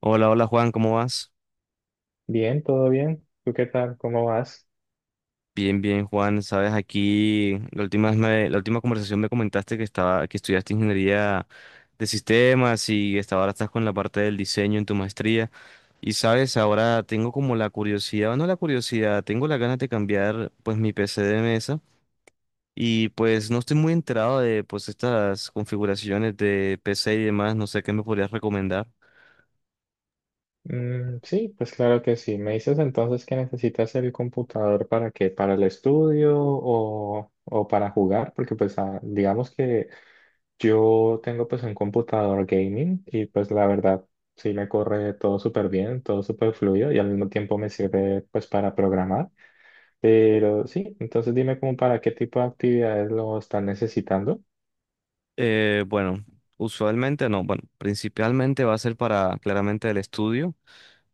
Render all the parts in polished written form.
Hola, hola Juan, ¿cómo vas? Bien, todo bien. ¿Tú qué tal? ¿Cómo vas? Bien, bien Juan, sabes, aquí la última vez la última conversación me comentaste que que estudiaste ingeniería de sistemas y ahora estás con la parte del diseño en tu maestría. Y sabes, ahora tengo como la curiosidad, o no la curiosidad, tengo la ganas de cambiar pues mi PC de mesa y pues no estoy muy enterado de pues estas configuraciones de PC y demás, no sé qué me podrías recomendar. Mm, sí, pues claro que sí. ¿Me dices entonces que necesitas el computador para qué? ¿Para el estudio o para jugar? Porque pues digamos que yo tengo pues un computador gaming y pues la verdad sí me corre todo súper bien, todo súper fluido y al mismo tiempo me sirve pues para programar. Pero sí, entonces dime como para qué tipo de actividades lo están necesitando. Bueno, usualmente no, bueno, principalmente va a ser para claramente el estudio.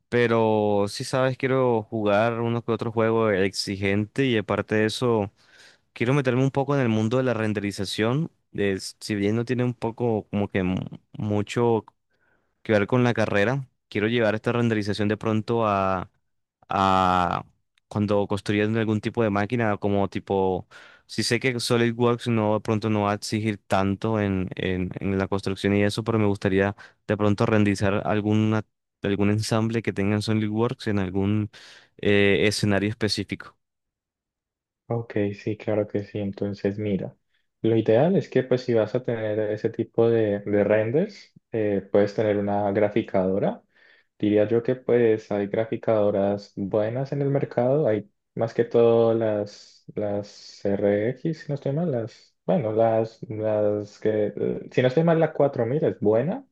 Pero sí sabes, quiero jugar uno que otro juego exigente y aparte de eso, quiero meterme un poco en el mundo de la renderización. Si bien no tiene un poco como que mucho que ver con la carrera. Quiero llevar esta renderización de pronto a cuando construyan algún tipo de máquina, como tipo, si sé que SolidWorks no de pronto no va a exigir tanto en la construcción y eso, pero me gustaría de pronto renderizar algún ensamble que tenga en SolidWorks en algún escenario específico. Ok, sí, claro que sí. Entonces, mira, lo ideal es que pues si vas a tener ese tipo de renders, puedes tener una graficadora. Diría yo que pues hay graficadoras buenas en el mercado. Hay más que todo las RX, si no estoy mal, las, bueno, las que, si no estoy mal, la 4000 es buena.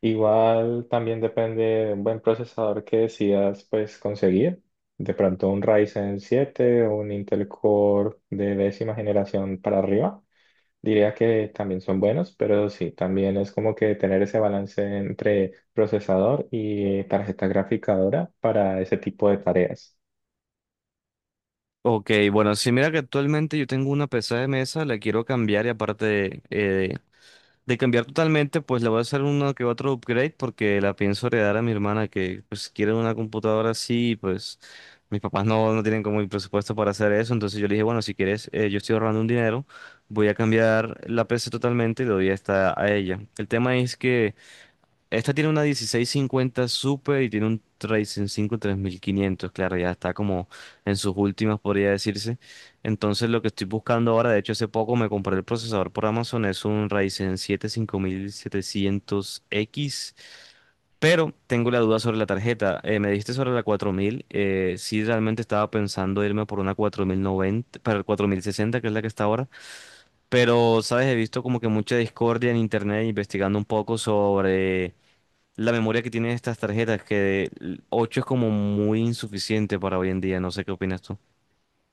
Igual también depende de un buen procesador que decidas pues conseguir. De pronto un Ryzen 7 o un Intel Core de décima generación para arriba. Diría que también son buenos, pero sí, también es como que tener ese balance entre procesador y tarjeta graficadora para ese tipo de tareas. Ok, bueno, sí, mira que actualmente yo tengo una PC de mesa, la quiero cambiar y aparte de cambiar totalmente, pues le voy a hacer uno que otro upgrade porque la pienso heredar a mi hermana que pues quiere una computadora así y pues mis papás no tienen como el presupuesto para hacer eso. Entonces yo le dije, bueno, si quieres, yo estoy ahorrando un dinero, voy a cambiar la PC totalmente y le doy esta a ella. El tema es que esta tiene una 1650 Super y tiene un Ryzen cinco 3500, claro, ya está como en sus últimas, podría decirse. Entonces, lo que estoy buscando ahora, de hecho, hace poco me compré el procesador por Amazon, es un Ryzen siete 5700 x, pero tengo la duda sobre la tarjeta. Me dijiste sobre la 4000, sí, realmente estaba pensando irme por una 4090 para el 4060 que es la que está ahora, pero, sabes, he visto como que mucha discordia en internet investigando un poco sobre la memoria que tienen estas tarjetas, que 8 es como muy insuficiente para hoy en día, no sé qué opinas tú.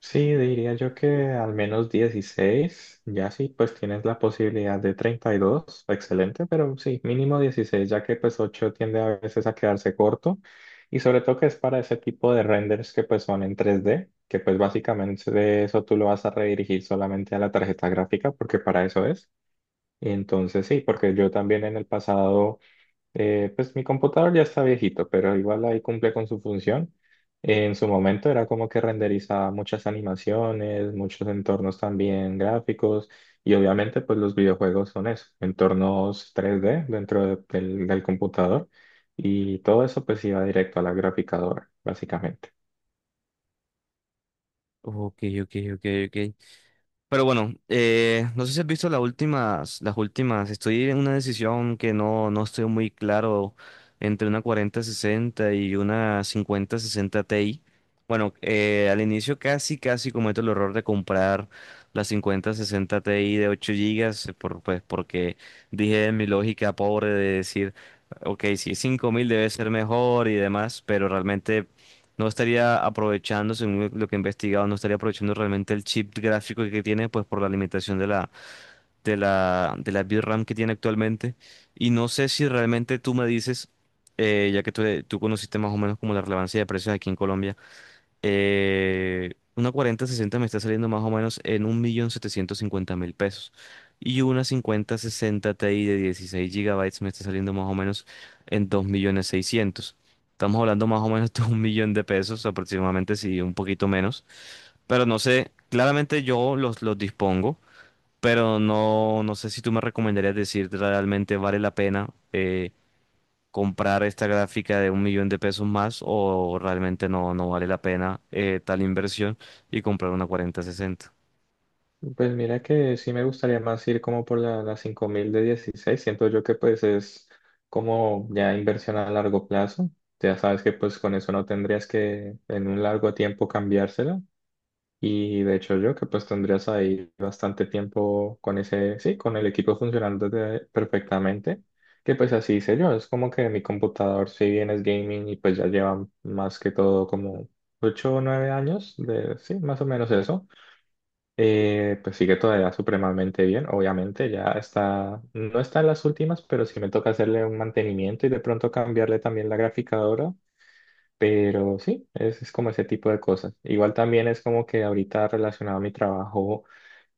Sí, diría yo que al menos 16. Ya sí, pues tienes la posibilidad de 32, excelente, pero sí, mínimo 16, ya que pues 8 tiende a veces a quedarse corto y sobre todo que es para ese tipo de renders que pues son en 3D, que pues básicamente de eso tú lo vas a redirigir solamente a la tarjeta gráfica porque para eso es. Y entonces sí, porque yo también en el pasado... pues mi computador ya está viejito, pero igual ahí cumple con su función. En su momento era como que renderizaba muchas animaciones, muchos entornos también gráficos, y obviamente pues los videojuegos son eso, entornos 3D dentro del computador, y todo eso pues iba directo a la graficadora, básicamente. Ok, ok, ok, ok. Pero bueno, no sé si has visto las últimas. Estoy en una decisión que no estoy muy claro entre una 4060 y una 5060 Ti. Bueno, al inicio casi, casi cometo el error de comprar la 5060 Ti de 8 gigas, pues porque dije en mi lógica pobre de decir, ok, si es 5000 debe ser mejor y demás, pero realmente no estaría aprovechando, según lo que he investigado, no estaría aprovechando realmente el chip gráfico que tiene, pues por la limitación de la VRAM que tiene actualmente. Y no sé si realmente tú me dices, ya que tú conociste más o menos como la relevancia de precios aquí en Colombia, una 4060 me está saliendo más o menos en 1.750.000 pesos. Y una 5060 Ti de 16 gigabytes me está saliendo más o menos en 2.600.000. Estamos hablando más o menos de 1.000.000 de pesos aproximadamente, si un poquito menos. Pero no sé, claramente yo los dispongo, pero no sé si tú me recomendarías decir realmente vale la pena, comprar esta gráfica de 1.000.000 de pesos más o realmente no vale la pena, tal inversión, y comprar una 4060. Pues mira que sí me gustaría más ir como por la 5000 de 16. Siento yo que pues es como ya inversión a largo plazo. Ya sabes que pues con eso no tendrías que en un largo tiempo cambiársela. Y de hecho yo que pues tendrías ahí bastante tiempo con ese, sí, con el equipo perfectamente. Que pues así hice yo. Es como que mi computador si bien es gaming y pues ya lleva más que todo como 8 o 9 años de, sí, más o menos eso. Pues sigue todavía supremamente bien, obviamente, ya está, no está en las últimas, pero sí me toca hacerle un mantenimiento y de pronto cambiarle también la graficadora, pero sí, es como ese tipo de cosas. Igual también es como que ahorita relacionado a mi trabajo,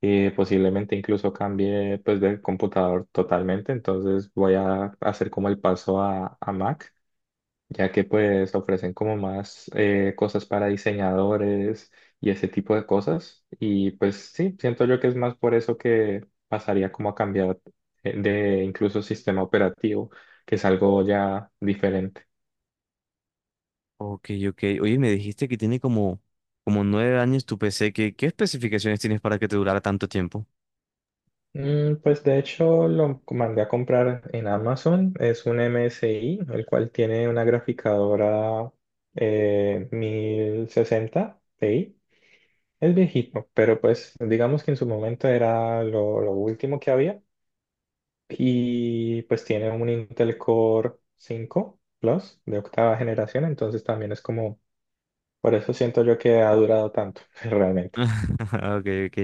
posiblemente incluso cambie pues del computador totalmente, entonces voy a hacer como el paso a Mac, ya que pues ofrecen como más cosas para diseñadores y ese tipo de cosas. Y pues sí, siento yo que es más por eso que pasaría como a cambiar de incluso sistema operativo, que es algo ya diferente. Ok, ok. Oye, me dijiste que tiene como 9 años tu PC. ¿Qué especificaciones tienes para que te durara tanto tiempo? Mm, pues de hecho lo mandé a comprar en Amazon, es un MSI, el cual tiene una graficadora 1060 Ti. Es viejito, pero pues digamos que en su momento era lo último que había, y pues tiene un Intel Core 5 Plus de octava generación, entonces también es como, por eso siento yo que ha durado tanto realmente. Ok, ok.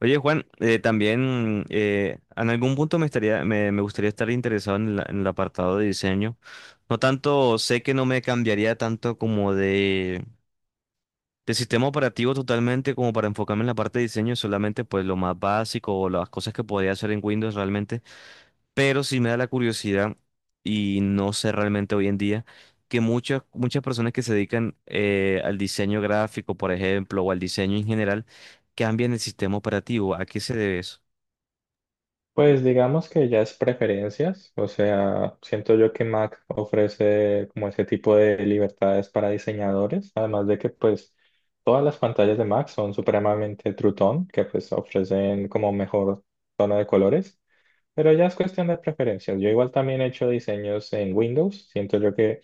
Oye, Juan, también en algún punto me gustaría estar interesado en el apartado de diseño. No tanto, sé que no me cambiaría tanto como de sistema operativo totalmente como para enfocarme en la parte de diseño, solamente pues lo más básico o las cosas que podía hacer en Windows realmente, pero sí me da la curiosidad y no sé realmente hoy en día que muchas personas que se dedican, al diseño gráfico, por ejemplo, o al diseño en general, cambian el sistema operativo. ¿A qué se debe eso? Pues digamos que ya es preferencias, o sea, siento yo que Mac ofrece como ese tipo de libertades para diseñadores, además de que pues todas las pantallas de Mac son supremamente True Tone, que pues ofrecen como mejor tono de colores. Pero ya es cuestión de preferencias. Yo igual también he hecho diseños en Windows. Siento yo que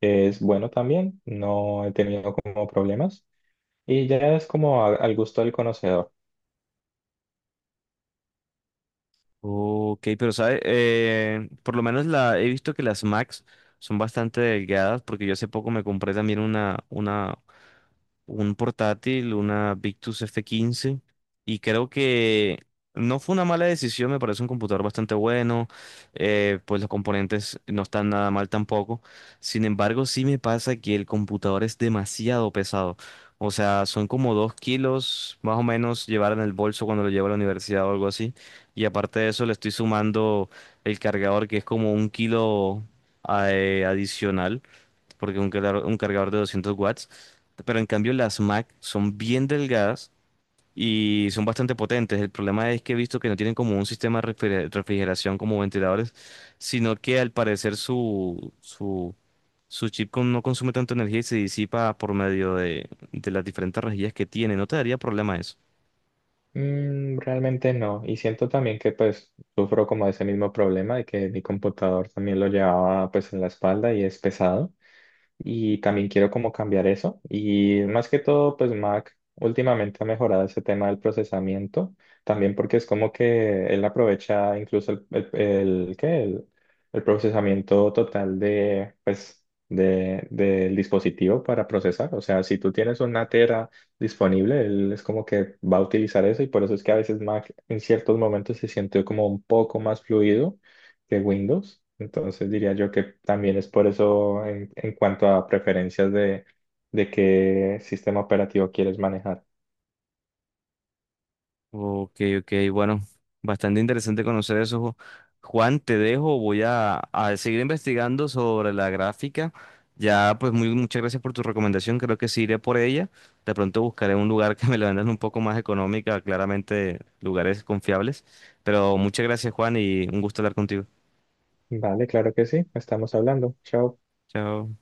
es bueno también. No he tenido como problemas. Y ya es como al gusto del conocedor. Ok, pero sabe, por lo menos la he visto que las Max son bastante delgadas porque yo hace poco me compré también un portátil, una Victus F15, y creo que no fue una mala decisión, me parece un computador bastante bueno, pues los componentes no están nada mal tampoco. Sin embargo, sí me pasa que el computador es demasiado pesado. O sea, son como 2 kilos más o menos llevar en el bolso cuando lo llevo a la universidad o algo así. Y aparte de eso, le estoy sumando el cargador, que es como 1 kilo adicional, porque un cargador de 200 watts. Pero en cambio, las Mac son bien delgadas y son bastante potentes. El problema es que he visto que no tienen como un sistema de refrigeración como ventiladores, sino que al parecer su chip no consume tanta energía y se disipa por medio de las diferentes rejillas que tiene. ¿No te daría problema eso? Mm, realmente no. Y siento también que pues sufro como ese mismo problema de que mi computador también lo llevaba pues en la espalda y es pesado. Y también quiero como cambiar eso. Y más que todo, pues Mac últimamente ha mejorado ese tema del procesamiento, también porque es como que él aprovecha incluso el- ¿qué? El, el procesamiento total de, pues, del dispositivo para procesar. O sea, si tú tienes una tera disponible, él es como que va a utilizar eso, y por eso es que a veces Mac en ciertos momentos se siente como un poco más fluido que Windows. Entonces diría yo que también es por eso en cuanto a preferencias de qué sistema operativo quieres manejar. Ok, ok, bueno, bastante interesante conocer eso. Juan, te dejo, voy a seguir investigando sobre la gráfica. Ya, pues muchas gracias por tu recomendación, creo que sí iré por ella. De pronto buscaré un lugar que me la vendan un poco más económica, claramente lugares confiables. Pero muchas gracias, Juan, y un gusto hablar contigo. Vale, claro que sí. Estamos hablando. Chao. Chao.